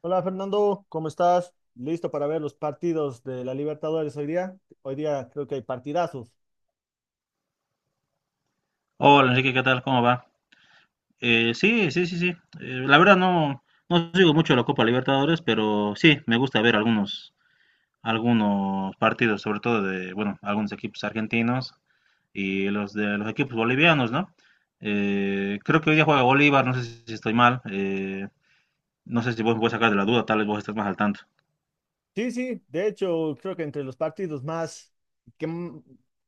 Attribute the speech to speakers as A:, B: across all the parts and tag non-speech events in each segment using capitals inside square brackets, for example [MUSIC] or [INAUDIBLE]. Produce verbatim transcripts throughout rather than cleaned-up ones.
A: Hola Fernando, ¿cómo estás? ¿Listo para ver los partidos de la Libertadores hoy día? Hoy día creo que hay partidazos.
B: Hola Enrique, ¿qué tal? ¿Cómo va? Eh, sí, sí, sí, sí. Eh, la verdad no, no sigo mucho la Copa Libertadores, pero sí, me gusta ver algunos, algunos partidos, sobre todo de, bueno, algunos equipos argentinos y los de los equipos bolivianos, ¿no? Eh, creo que hoy día juega Bolívar, no sé si estoy mal, eh, no sé si vos me puedes sacar de la duda, tal vez vos estés más al tanto.
A: Sí, sí, de hecho creo que entre los partidos más que, m-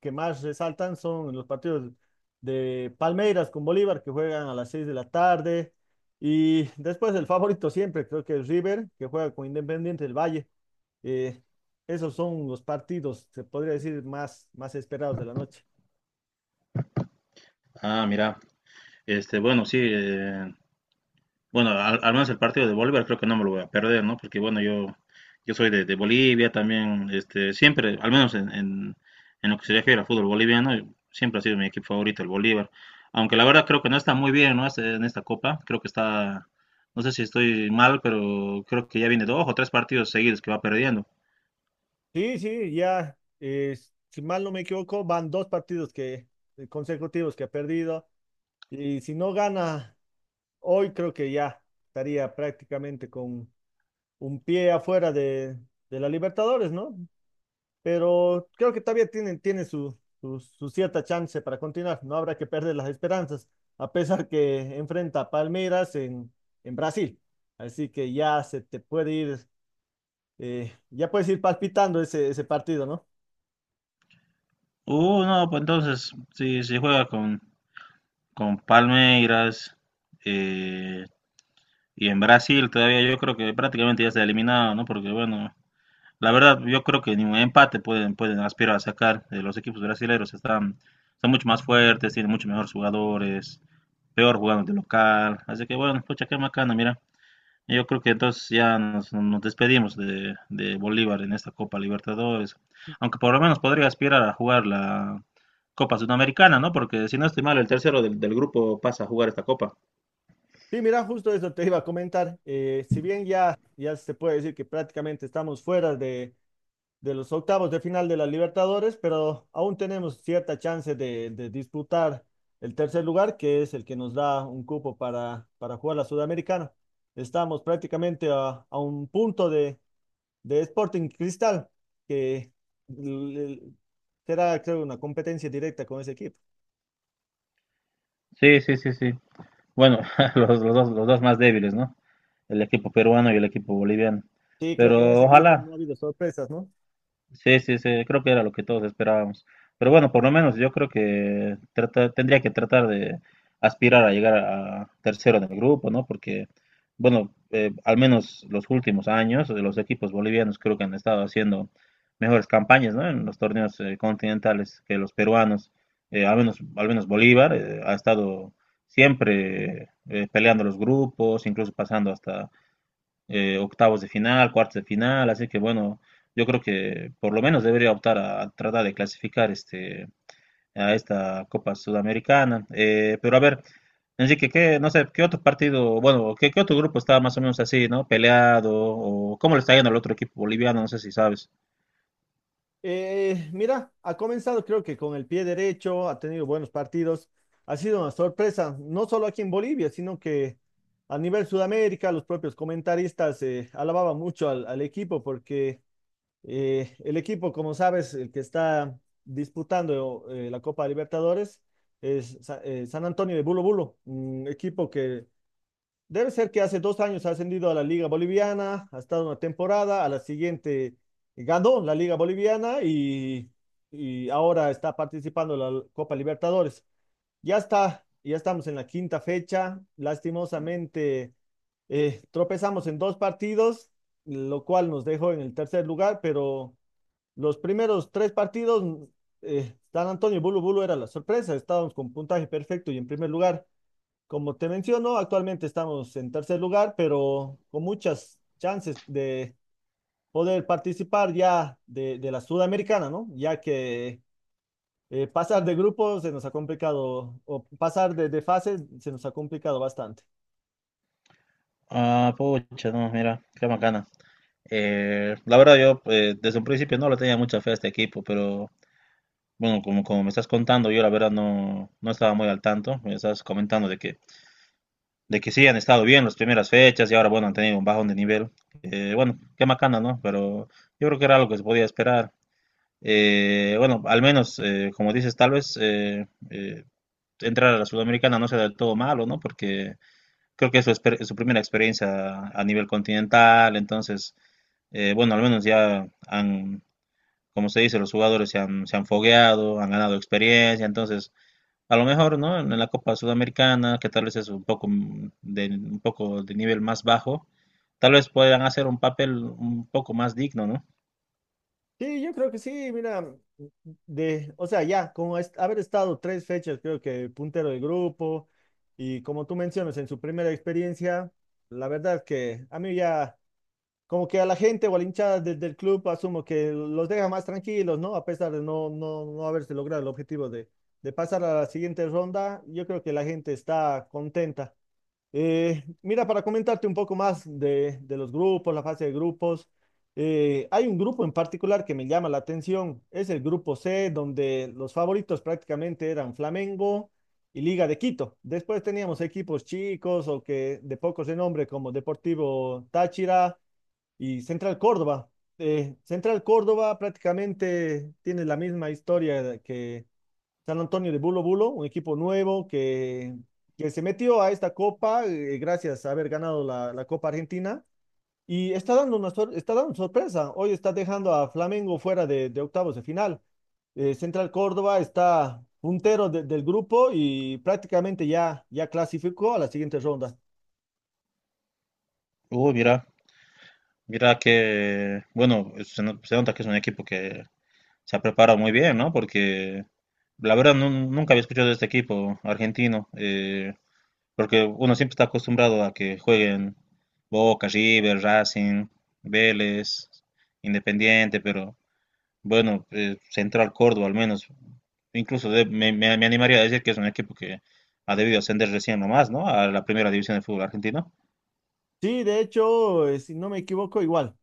A: que más resaltan son los partidos de Palmeiras con Bolívar que juegan a las seis de la tarde y después el favorito siempre creo que es River que juega con Independiente del Valle. Eh, Esos son los partidos, se podría decir, más, más esperados de la noche.
B: Ah, mira, este, bueno, sí, bueno, al, al menos el partido de Bolívar creo que no me lo voy a perder, ¿no? Porque bueno, yo, yo soy de, de Bolivia también, este, siempre, al menos en, en- en lo que se refiere al fútbol boliviano, siempre ha sido mi equipo favorito el Bolívar. Aunque la verdad creo que no está muy bien, ¿no? Este- En esta copa, creo que está, no sé si estoy mal, pero creo que ya viene dos o tres partidos seguidos que va perdiendo.
A: Sí, sí, ya, eh, si mal no me equivoco, van dos partidos que, eh, consecutivos que ha perdido, y si no gana hoy creo que ya estaría prácticamente con un pie afuera de, de la Libertadores, ¿no? Pero creo que todavía tienen, tiene su, su, su cierta chance para continuar, no habrá que perder las esperanzas, a pesar que enfrenta a Palmeiras en, en Brasil, así que ya se te puede ir, eh, ya puedes ir palpitando ese, ese partido, ¿no?
B: Uh, no, pues entonces, si, si juega con, con Palmeiras eh, y en Brasil todavía yo creo que prácticamente ya está eliminado, ¿no? Porque bueno, la verdad, yo creo que ni un empate pueden, pueden aspirar a sacar. Eh, los equipos brasileños están, son mucho más fuertes, tienen mucho mejores jugadores, peor jugando de local. Así que bueno, pucha, qué macana, mira. Yo creo que entonces ya nos, nos despedimos de, de Bolívar en esta Copa Libertadores. Aunque por lo menos podría aspirar a jugar la Copa Sudamericana, ¿no? Porque si no estoy mal, el tercero del, del grupo pasa a jugar esta Copa.
A: Sí, mira, justo eso te iba a comentar. Eh, si bien ya, ya se puede decir que prácticamente estamos fuera de, de los octavos de final de la Libertadores, pero aún tenemos cierta chance de, de disputar el tercer lugar, que es el que nos da un cupo para, para jugar la Sudamericana. Estamos prácticamente a, a un punto de, de Sporting Cristal, que l- l- será, creo, una competencia directa con ese equipo.
B: Sí, sí, sí, sí. Bueno, [LAUGHS] los, los dos, los dos más débiles, ¿no? El equipo peruano y el equipo boliviano.
A: Sí, creo que en
B: Pero
A: ese grupo
B: ojalá,
A: no ha habido sorpresas, ¿no?
B: sí, sí, sí, creo que era lo que todos esperábamos. Pero bueno, por lo menos yo creo que trata- tendría que tratar de aspirar a llegar a tercero en el grupo, ¿no? Porque, bueno, eh, al menos los últimos años de los equipos bolivianos creo que han estado haciendo mejores campañas, ¿no? En los torneos eh, continentales que los peruanos. Eh, al menos, al menos Bolívar eh, ha estado siempre eh, peleando los grupos, incluso pasando eh, octavos de final, cuartos de final, así que bueno, yo creo que por lo menos debería optar a, a tratar de clasificar este, a esta Copa Sudamericana. Eh, pero a ver, Enrique, qué, no sé, qué otro partido, bueno, qué, qué otro grupo está más o menos así, ¿no? Peleado, o cómo le está yendo al otro equipo boliviano, no sé si sabes.
A: Eh, mira, ha comenzado creo que con el pie derecho, ha tenido buenos partidos, ha sido una sorpresa, no solo aquí en Bolivia, sino que a nivel Sudamérica, los propios comentaristas eh, alababan mucho al, al equipo, porque eh, el equipo, como sabes, el que está disputando eh, la Copa Libertadores es Sa- eh, San Antonio de Bulo Bulo, un equipo que debe ser que hace dos años ha ascendido a la Liga Boliviana, ha estado una temporada, a la siguiente ganó la Liga Boliviana y, y ahora está participando en la Copa Libertadores. Ya está, ya estamos en la quinta fecha, lastimosamente eh, tropezamos en dos partidos, lo cual nos dejó en el tercer lugar, pero los primeros tres partidos, eh, San Antonio y Bulu Bulu era la sorpresa, estábamos con puntaje perfecto y en primer lugar. Como te menciono, actualmente estamos en tercer lugar, pero con muchas chances de poder participar ya de, de la Sudamericana, ¿no? Ya que eh, pasar de grupos se nos ha complicado, o pasar de, de fases se nos ha complicado bastante.
B: Ah, pucha, no, mira, qué bacana. Eh, la verdad yo eh, desde un principio no le tenía mucha fe a este equipo, pero bueno, como, como me estás contando, yo la verdad no, no estaba muy al tanto. Me estás comentando de que de que sí han estado bien las primeras fechas y ahora, bueno, han tenido un bajón de nivel. Eh, bueno, qué macana, ¿no? Pero yo creo que era lo que se podía esperar. Eh, bueno, al menos, eh, como dices, tal vez eh, eh, entrar a la Sudamericana no sea del todo malo, ¿no? Porque creo que es su, exper- su primera experiencia a nivel continental, entonces, eh, bueno, al menos ya han, como se dice, los jugadores se han, se han fogueado, han ganado experiencia, entonces a lo mejor, ¿no? En la Copa Sudamericana, que tal vez es un poco mm, de, un poco de nivel más bajo, tal vez puedan hacer un papel un poco más digno, ¿no?
A: Sí, yo creo que sí, mira, de, o sea, ya, como es- haber estado tres fechas, creo que puntero del grupo, y como tú mencionas, en su primera experiencia, la verdad que a mí ya como que a la gente o a la hinchada de- del club asumo que los deja más tranquilos, ¿no? A pesar de no, no, no haberse logrado el objetivo de, de pasar a la siguiente ronda, yo creo que la gente está contenta. Eh, mira, para comentarte un poco más de, de los grupos, la fase de grupos, eh, hay un grupo en particular que me llama la atención, es el grupo C, donde los favoritos prácticamente eran Flamengo y Liga de Quito. Después teníamos equipos chicos o que de poco renombre como Deportivo Táchira y Central Córdoba. eh, Central Córdoba prácticamente tiene la misma historia que San Antonio de Bulo Bulo, un equipo nuevo que, que se metió a esta copa eh, gracias a haber ganado la, la Copa Argentina, y está dando una sor- está dando sorpresa. Hoy está dejando a Flamengo fuera de, de octavos de final. Eh, Central Córdoba está puntero de- del grupo y prácticamente ya, ya clasificó a la siguiente ronda.
B: Uy, mira, mira que, bueno, se, no- se nota que es un equipo que se ha preparado muy bien, ¿no? Porque la verdad nu- nunca había escuchado de este equipo argentino, eh, porque uno siempre está acostumbrado a que jueguen Boca, River, Racing, Vélez, Independiente, pero bueno, eh, Central Córdoba al menos, incluso de- me, me- me animaría a decir que es un equipo que ha debido ascender recién nomás, ¿no? A la primera división del fútbol argentino.
A: Sí, de hecho, eh, si no me equivoco, igual.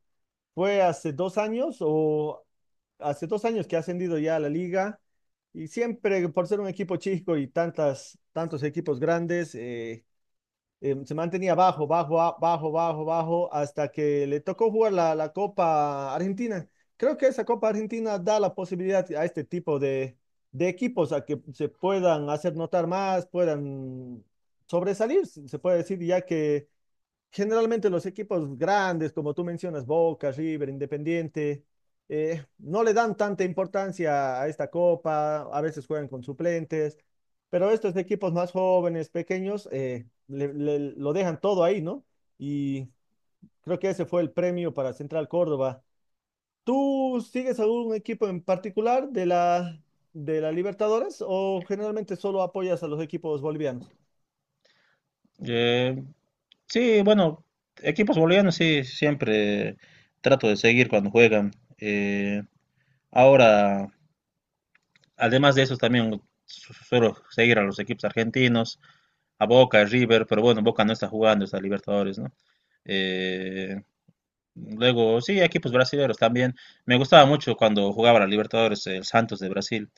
A: Fue hace dos años o hace dos años que ha ascendido ya a la liga, y siempre por ser un equipo chico y tantas, tantos equipos grandes, eh, eh, se mantenía bajo, bajo, a- bajo, bajo, bajo hasta que le tocó jugar la, la Copa Argentina. Creo que esa Copa Argentina da la posibilidad a este tipo de, de equipos a que se puedan hacer notar más, puedan sobresalir, se puede decir, ya que generalmente los equipos grandes, como tú mencionas, Boca, River, Independiente, eh, no le dan tanta importancia a esta copa, a veces juegan con suplentes, pero estos equipos más jóvenes, pequeños, eh, le- le- lo dejan todo ahí, ¿no? Y creo que ese fue el premio para Central Córdoba. ¿Tú sigues algún equipo en particular de la, de la Libertadores o generalmente solo apoyas a los equipos bolivianos?
B: Eh, sí, bueno, equipos bolivianos sí, siempre trato de seguir cuando juegan. Eh, Ahora, además de eso, también su- suelo seguir a los equipos argentinos, a Boca, a River, pero bueno, Boca no está jugando, está Libertadores, ¿no? Eh, Luego, sí, equipos brasileños también. Me gustaba mucho cuando jugaba la Libertadores, el Santos de Brasil.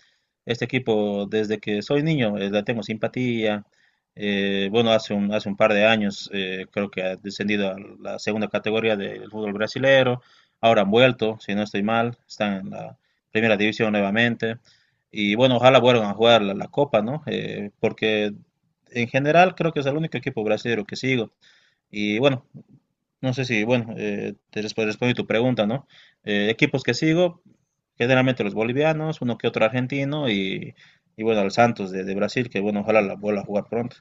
B: Este equipo, desde que soy niño, eh, le tengo simpatía. Eh, bueno, hace un, hace un par de años eh, creo que ha descendido a la segunda categoría del fútbol brasilero. Ahora han vuelto, si no estoy mal, están en la primera división nuevamente. Y bueno, ojalá vuelvan a jugar la, la Copa, ¿no? Eh, porque en general creo que es el único equipo brasileño que sigo. Y bueno, no sé si, bueno, eh, te resp- respondo tu pregunta, ¿no? Eh, equipos que sigo, generalmente los bolivianos, uno que otro argentino y, y bueno, el Santos de, de Brasil, que bueno, ojalá la vuelva a jugar pronto.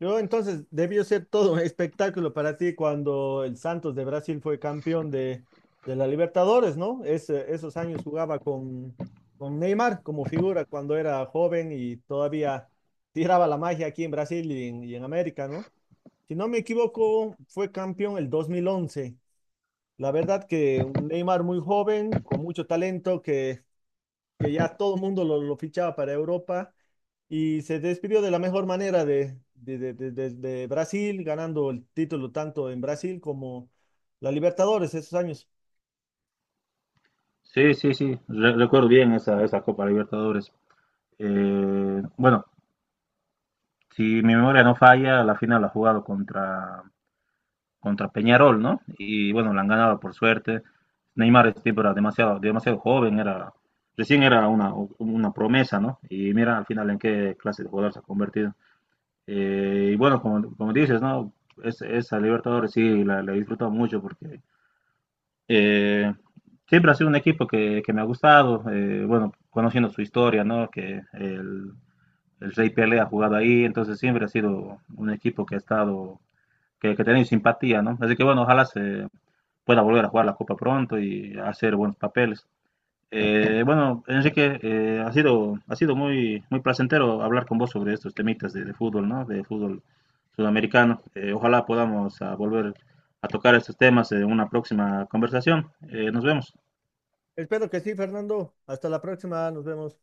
A: Yo entonces debió ser todo un espectáculo para ti cuando el Santos de Brasil fue campeón de, de la Libertadores, ¿no? Ese- esos años jugaba con, con Neymar como figura cuando era joven y todavía tiraba la magia aquí en Brasil y en, y en América, ¿no? Si no me equivoco, fue campeón el dos mil once. La verdad que un Neymar muy joven, con mucho talento, que que ya todo el mundo lo, lo fichaba para Europa, y se despidió de la mejor manera de, de, de- de- de- de Brasil, ganando el título tanto en Brasil como la Libertadores esos años.
B: Sí, sí, sí, re- recuerdo bien esa, esa Copa Libertadores. Eh, bueno, si mi memoria no falla, la final la ha jugado contra, contra Peñarol, ¿no? Y bueno, la han ganado por suerte. Neymar este tipo era demasiado, demasiado joven, era, recién era una, una promesa, ¿no? Y mira al final en qué clase de jugador se ha convertido. Eh, y bueno, como, como dices, ¿no? Es, esa Libertadores sí la, la he disfrutado mucho porque eh, siempre ha sido un equipo que, que me ha gustado, eh, bueno, conociendo su historia, ¿no? Que el, el Rey Pelé ha jugado ahí, entonces siempre ha sido un equipo que ha estado, que, que ha tenido simpatía, ¿no? Así que bueno, ojalá se, pueda volver a jugar la Copa pronto y hacer buenos papeles. Eh, bueno, Enrique, eh, ha sido, ha sido muy, muy placentero hablar con vos sobre estos temitas de, de fútbol, ¿no? De fútbol sudamericano. Eh, ojalá podamos ah, volver a tocar estos temas en una próxima conversación. Eh, nos vemos.
A: Espero que sí, Fernando. Hasta la próxima, nos vemos.